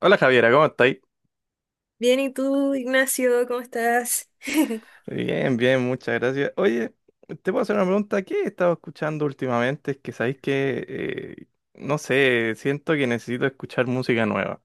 Hola Javiera, ¿cómo estáis? Bien, ¿y tú, Ignacio? ¿Cómo estás? Bien, bien, muchas gracias. Oye, te puedo hacer una pregunta. ¿Qué he estado escuchando últimamente? Es que sabéis que, eh, no sé, siento que necesito escuchar música nueva.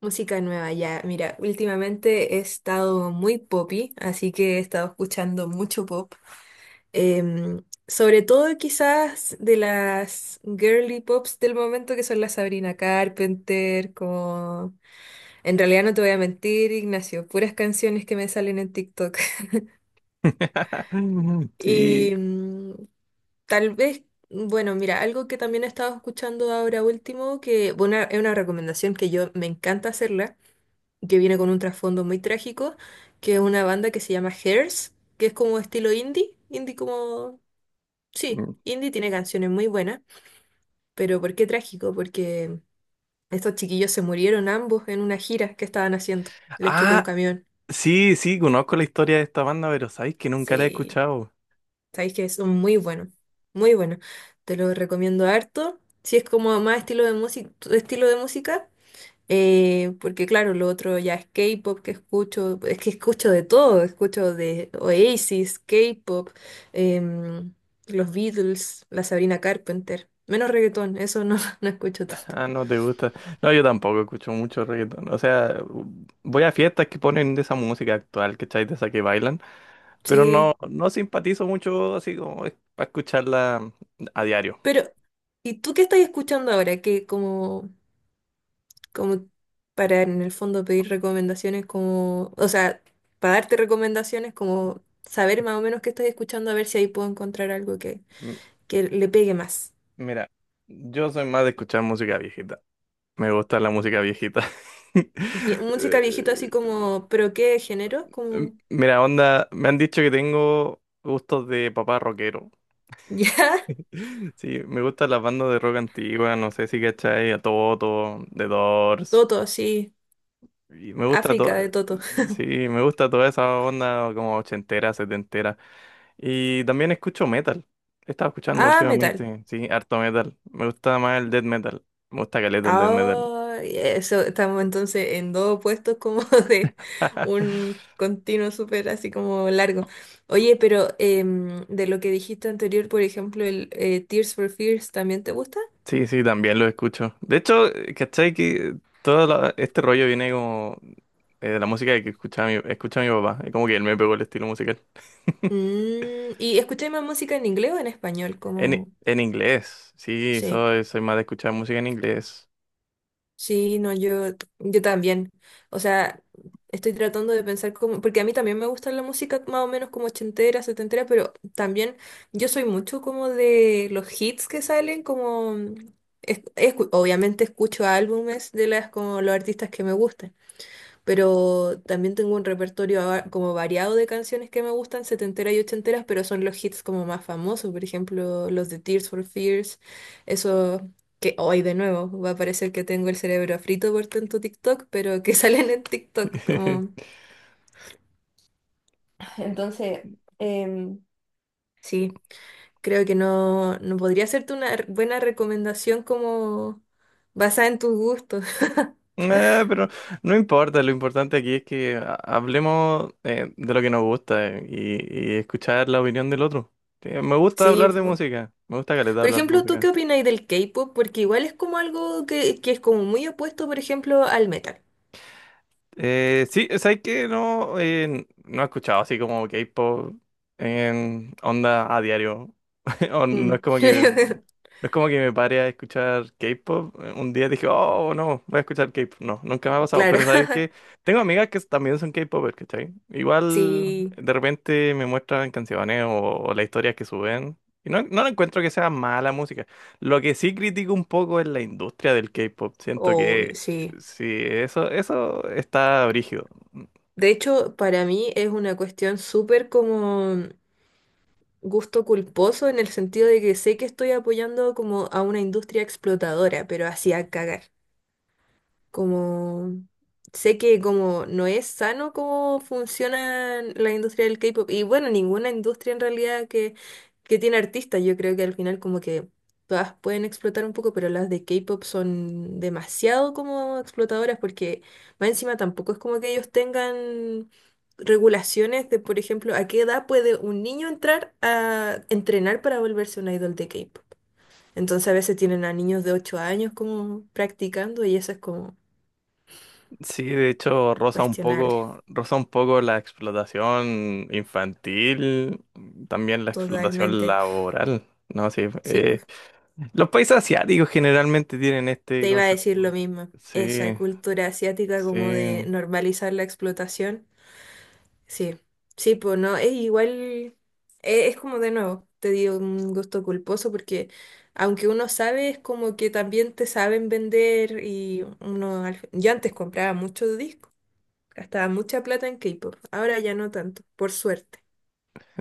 Música nueva, ya. Mira, últimamente he estado muy poppy, así que he estado escuchando mucho pop. Sobre todo quizás de las girly pops del momento, que son la Sabrina Carpenter, como... En realidad no te voy a mentir, Ignacio, puras canciones que me salen en TikTok. Y Sí. Tal vez... Bueno, mira, algo que también he estado escuchando ahora último, que bueno, es una recomendación que yo me encanta hacerla, que viene con un trasfondo muy trágico, que es una banda que se llama Hairs, que es como estilo indie indie como... Sí, Mm. indie tiene canciones muy buenas, pero ¿por qué trágico? Porque estos chiquillos se murieron ambos en una gira que estaban haciendo, les chocó un Ah, camión. sí, sí, conozco la historia de esta banda, pero sabéis que nunca la he Sí, escuchado. sabéis que son muy buenos, muy buenos. Te lo recomiendo harto. Si es como más estilo de música, porque claro, lo otro ya es K-pop que escucho, es que escucho de todo, escucho de Oasis, K-pop, em, los Beatles, la Sabrina Carpenter, menos reggaetón, eso no, no escucho tanto. Ah, no te gusta. No, yo tampoco escucho mucho reggaetón. O sea, voy a fiestas que ponen de esa música actual, ¿cachai? De esa que bailan. Pero Sí, no, no simpatizo mucho así como para escucharla a diario. pero ¿y tú qué estás escuchando ahora? Que como, como para en el fondo pedir recomendaciones como, o sea, para darte recomendaciones como saber más o menos qué estás escuchando a ver si ahí puedo encontrar algo M- que le pegue más. Mira, yo soy más de escuchar música viejita. Me gusta la música viejita. Música viejito así Eh, como, ¿pero qué género? Como, Mira, onda, me han dicho que tengo gustos de papá rockero. ¿ya? Sí, me gustan las bandas de rock antigua, no sé si cachai, a Toto, The Doors. Toto, sí. Y me gusta África toda, de Toto. sí, me gusta toda esa onda como ochentera, setentera. Y también escucho metal. He estado escuchando Ah, metal. últimamente, sí, harto metal. Me gusta más el death metal. Me gusta caleta el death metal. Ah, eso, estamos entonces en dos opuestos como de un continuo súper así como largo. Oye, pero de lo que dijiste anterior, por ejemplo, el Tears for Fears, ¿también te gusta? Sí, sí, también lo escucho. De hecho, ¿cachai? Que este rollo viene como de la música que escucha escucha mi papá. Es como que él me pegó el estilo musical. Mm, ¿y escucháis más música en inglés o en español? Como, en inglés. Sí, sí. Soy más de escuchar música en inglés. Sí, no, yo, también. O sea, estoy tratando de pensar cómo, porque a mí también me gusta la música más o menos como ochentera, setentera, pero también yo soy mucho como de los hits que salen, como, obviamente escucho álbumes de las, como los artistas que me gustan, pero también tengo un repertorio como variado de canciones que me gustan, setenteras y ochenteras, pero son los hits como más famosos, por ejemplo, los de Tears for Fears, eso que hoy de nuevo va a parecer que tengo el cerebro frito por tanto TikTok, pero que salen en TikTok como... Entonces, em, sí, creo que no, no podría hacerte una buena recomendación como basada en tus gustos. Pero no importa, lo importante aquí es que hablemos de lo que nos gusta, y escuchar la opinión del otro. Sí, me gusta Sí, hablar de música, me gusta caleta por hablar de ejemplo, ¿tú qué música. opinas del K-pop? Porque igual es como algo que es como muy opuesto, por ejemplo, al metal. Sí, sabes que no, no he escuchado así como K-pop en onda a diario. O no es Mm. como que. No es como que me pare a escuchar K-pop. Un día dije, oh, no, voy a escuchar K-pop. No, nunca me ha pasado. Claro, Pero sabes que tengo amigas que también son K-popers, ¿cachai? Igual sí, de repente me muestran canciones o las historias que suben. Y no, no encuentro que sea mala música. Lo que sí critico un poco es la industria del K-pop. Siento obvio, que sí. sí, eso está brígido. De hecho, para mí es una cuestión súper como gusto culposo en el sentido de que sé que estoy apoyando como a una industria explotadora, pero así a cagar. Como sé que como no es sano cómo funciona la industria del K-pop y bueno, ninguna industria en realidad que tiene artistas, yo creo que al final como que todas pueden explotar un poco, pero las de K-pop son demasiado como explotadoras porque más encima tampoco es como que ellos tengan regulaciones de, por ejemplo, a qué edad puede un niño entrar a entrenar para volverse un idol de K-pop. Entonces a veces tienen a niños de 8 años como practicando y eso es como Sí, de hecho, cuestionable, roza un poco la explotación infantil, también la explotación totalmente. laboral, ¿no? Sí, Sí, pues los países asiáticos generalmente tienen este te iba a decir lo concepto. mismo. Esa Sí, cultura asiática como de sí, normalizar la explotación. Sí, sí, pues no, es igual, es, como de nuevo, te digo un gusto culposo porque aunque uno sabe, es como que también te saben vender y uno, al yo antes compraba muchos discos, gastaba mucha plata en K-pop, ahora ya no tanto, por suerte.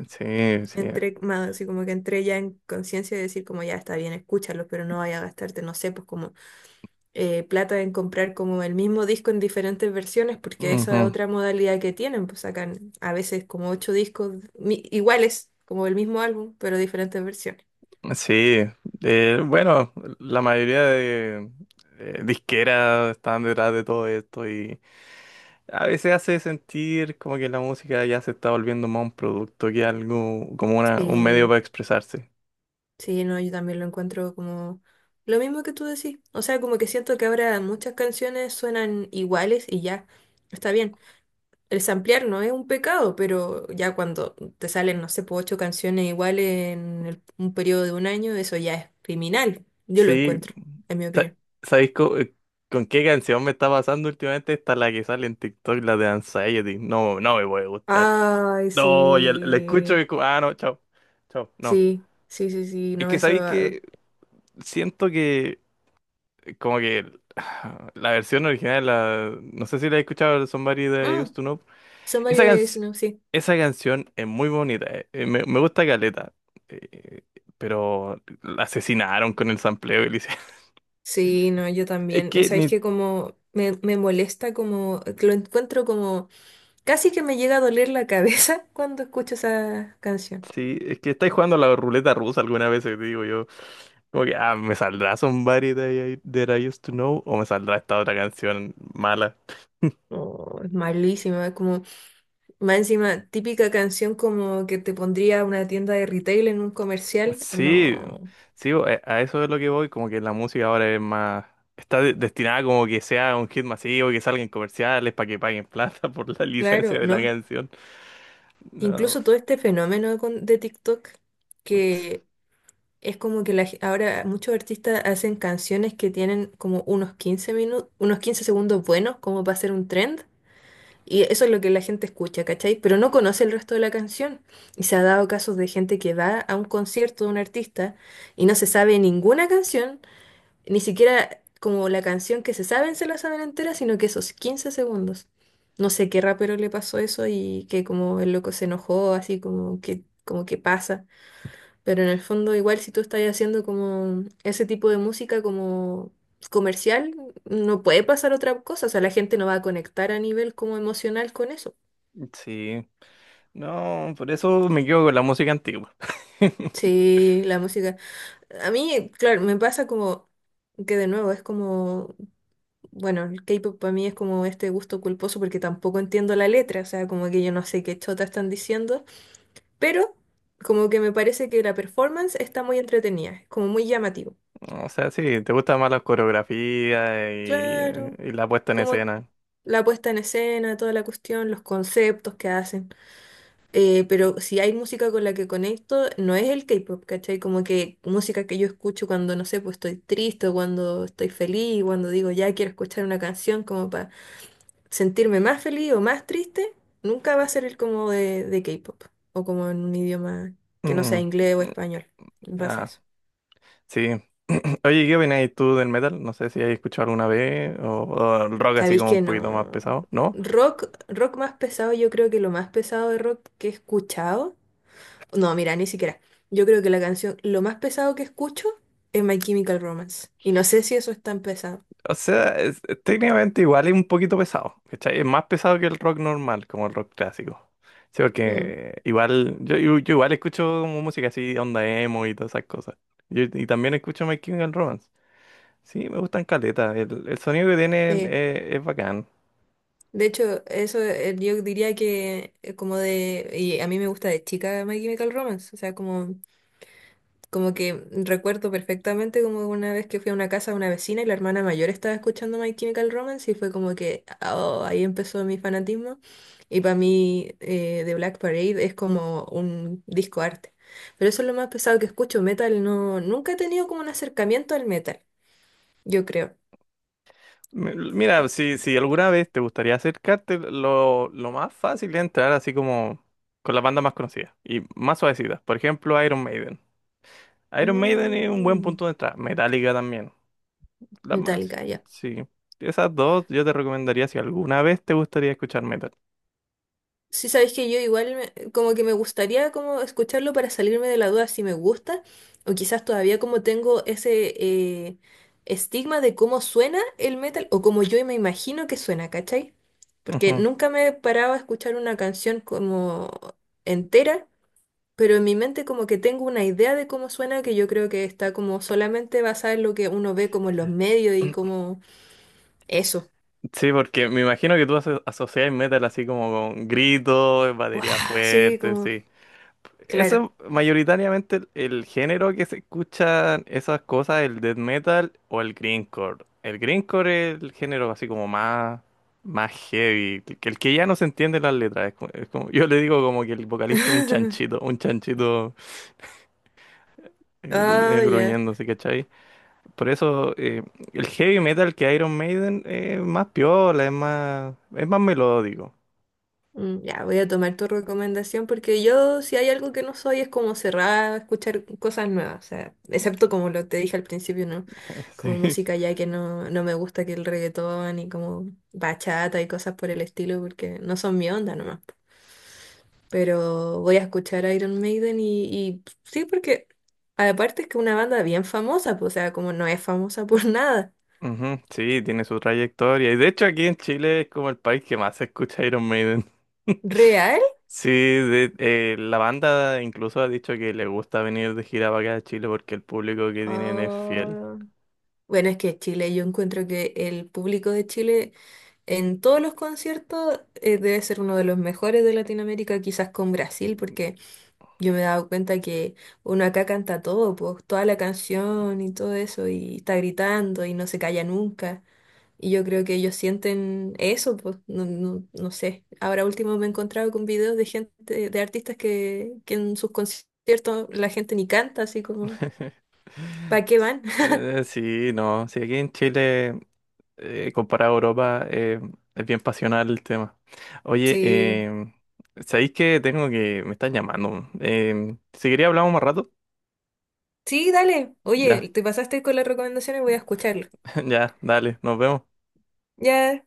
sí, sí. Entré más así como que entré ya en conciencia de decir como ya está bien, escúchalo, pero no vaya a gastarte, no sé, pues como plata en comprar como el mismo disco en diferentes versiones, porque esa Ujú, es otra modalidad que tienen, pues sacan a veces como ocho discos iguales, como el mismo álbum, pero diferentes versiones. sí, bueno, la mayoría de disqueras están detrás de todo esto. Y a veces hace sentir como que la música ya se está volviendo más un producto que algo, como una, un medio Sí, para expresarse. sí, no, yo también lo encuentro como lo mismo que tú decís. O sea, como que siento que ahora muchas canciones suenan iguales y ya, está bien. El samplear no es un pecado, pero ya cuando te salen, no sé, po, ocho canciones iguales un periodo de un año, eso ya es criminal. Yo lo Sí, encuentro, en mi sa- opinión. ¿sabéis con qué canción me está pasando últimamente? Esta la que sale en TikTok, la de Anxiety. No, no me puede gustar. Ay, No, ya la escucho sí, y es como, ah, no, chao, chao, no. sí, sí, sí, sí, Es no, que eso... sabéis ah, que siento que como que ah, la versión original, la, no sé si la he escuchado, Somebody That I Used mm, to Know. Somebody Esa, That I Know, sí. esa canción es muy bonita, me, me gusta caleta, eh, pero la asesinaron con el sampleo, Elise. Sí, no, yo Es también. Que Sabéis ni... que como me molesta, como que lo encuentro como... Casi que me llega a doler la cabeza cuando escucho esa canción. Sí, es que estáis jugando a la ruleta rusa alguna vez, te digo yo. Como que, ah, ¿me saldrá Somebody That I, That I Used to Know? ¿O me saldrá esta otra canción mala? Oh, es malísima, es como... Más encima, típica canción como que te pondría una tienda de retail en un comercial. Sí, No, sí, a eso es lo que voy, como que la música ahora es más... Está destinada como que sea un hit masivo, que salga en comerciales para que paguen plata por la licencia claro, de la no. canción. No. Incluso todo este fenómeno de TikTok, que es como que la ahora muchos artistas hacen canciones que tienen como unos 15 minutos, unos 15 segundos buenos, como para hacer un trend, y eso es lo que la gente escucha, ¿cachai? Pero no conoce el resto de la canción. Y se ha dado casos de gente que va a un concierto de un artista y no se sabe ninguna canción, ni siquiera como la canción que se saben se la saben entera, sino que esos 15 segundos. No sé qué rapero le pasó eso y que como el loco se enojó, así como que pasa. Pero en el fondo, igual si tú estás haciendo como ese tipo de música como comercial, no puede pasar otra cosa. O sea, la gente no va a conectar a nivel como emocional con eso. Sí. No, por eso me quedo con la música antigua. Sí, la música. A mí, claro, me pasa como que de nuevo es como, bueno, el K-pop para mí es como este gusto culposo porque tampoco entiendo la letra, o sea, como que yo no sé qué chota están diciendo, pero como que me parece que la performance está muy entretenida, como muy llamativo. O sea, sí, te gusta más la coreografía Claro, y la puesta en como escena. la puesta en escena, toda la cuestión, los conceptos que hacen. Pero si hay música con la que conecto, no es el K-pop, ¿cachai? Como que música que yo escucho cuando, no sé, pues estoy triste o cuando estoy feliz, cuando digo ya quiero escuchar una canción como para sentirme más feliz o más triste, nunca va a ser el como de, K-pop o como en un idioma que no Mm, sea inglés o mm, español. Vas a ah, eso. sí. Oye, ¿qué opinas tú del metal? No sé si has escuchado alguna vez o el rock así Sabéis como un que poquito más no. pesado, ¿no? Rock, más pesado, yo creo que lo más pesado de rock que he escuchado. No, mira, ni siquiera. Yo creo que la canción, lo más pesado que escucho es My Chemical Romance. Y no sé si eso es tan pesado. O sea, es técnicamente igual es un poquito pesado, ¿cachai? Es más pesado que el rock normal, como el rock clásico. Sí, Mm, porque igual, yo igual escucho como música así, onda emo y todas esas cosas. Y también escucho My Chemical Romance. Sí, me gustan caletas, el sonido que tienen, sí. Es bacán. De hecho, eso yo diría que como de. Y a mí me gusta de chica My Chemical Romance. O sea, como. Como que recuerdo perfectamente como una vez que fui a una casa de una vecina y la hermana mayor estaba escuchando My Chemical Romance y fue como que oh, ahí empezó mi fanatismo. Y para mí The Black Parade es como un disco arte. Pero eso es lo más pesado que escucho. Metal no, nunca he tenido como un acercamiento al metal, yo creo. Mira, si, si alguna vez te gustaría acercarte, lo más fácil es entrar así como con las bandas más conocidas y más suavecitas. Por ejemplo, Iron Maiden. Iron Maiden es un buen Mm, punto de entrada. Metallica también. La más, Metallica, ya. sí. Esas dos yo te recomendaría si alguna vez te gustaría escuchar metal. Sí, sabes que yo igual como que me gustaría como escucharlo para salirme de la duda si me gusta o quizás todavía como tengo ese eh, estigma de cómo suena el metal o como yo me imagino que suena, ¿cachai? Porque Ujú. nunca me paraba a escuchar una canción como entera, pero en mi mente como que tengo una idea de cómo suena que yo creo que está como solamente basada en lo que uno ve como en los medios y como eso. Sí, porque me imagino que tú asocias metal así como con gritos, ¡Wow! batería Sí, fuerte, como, sí. claro. Eso es mayoritariamente el género que se escuchan esas cosas, el death metal o el grindcore. El grindcore es el género así como más, más heavy, que el que ya no se entiende las letras. Es como, es como, yo le digo como que el vocalista es un chanchito Ah, ya. gruñendo, ¿sí? Por eso, el heavy metal que Iron Maiden es más piola, es más melódico. Mm, ya, voy a tomar tu recomendación porque yo, si hay algo que no soy, es como cerrada a escuchar cosas nuevas. O sea, excepto como lo te dije al principio, ¿no? Como Sí. música ya que no, no me gusta que el reggaetón y como bachata y cosas por el estilo porque no son mi onda nomás. Pero voy a escuchar a Iron Maiden y sí, porque aparte es que una banda bien famosa, pues, o sea, como no es famosa por nada. Ujú, sí, tiene su trayectoria. Y de hecho aquí en Chile es como el país que más se escucha Iron Maiden. ¿Real? Sí, la banda incluso ha dicho que le gusta venir de gira para acá a Chile porque el público que tienen es fiel. Oh. Bueno, es que Chile, yo encuentro que el público de Chile en todos los conciertos debe ser uno de los mejores de Latinoamérica, quizás con Brasil, porque yo me he dado cuenta que uno acá canta todo, pues toda la canción y todo eso, y está gritando y no se calla nunca. Y yo creo que ellos sienten eso, pues no, no, no sé. Ahora último me he encontrado con videos de gente, de artistas que en sus conciertos la gente ni canta, así como, ¿para qué van? Sí, no, sí, aquí en Chile, comparado a Europa, es bien pasional el tema. Oye, Sí. ¿Sabéis que tengo que... me están llamando? Si quería hablamos más rato, Sí, dale. ya, Oye, te pasaste con las recomendaciones, voy a escucharlo. ya, dale, nos vemos. Ya,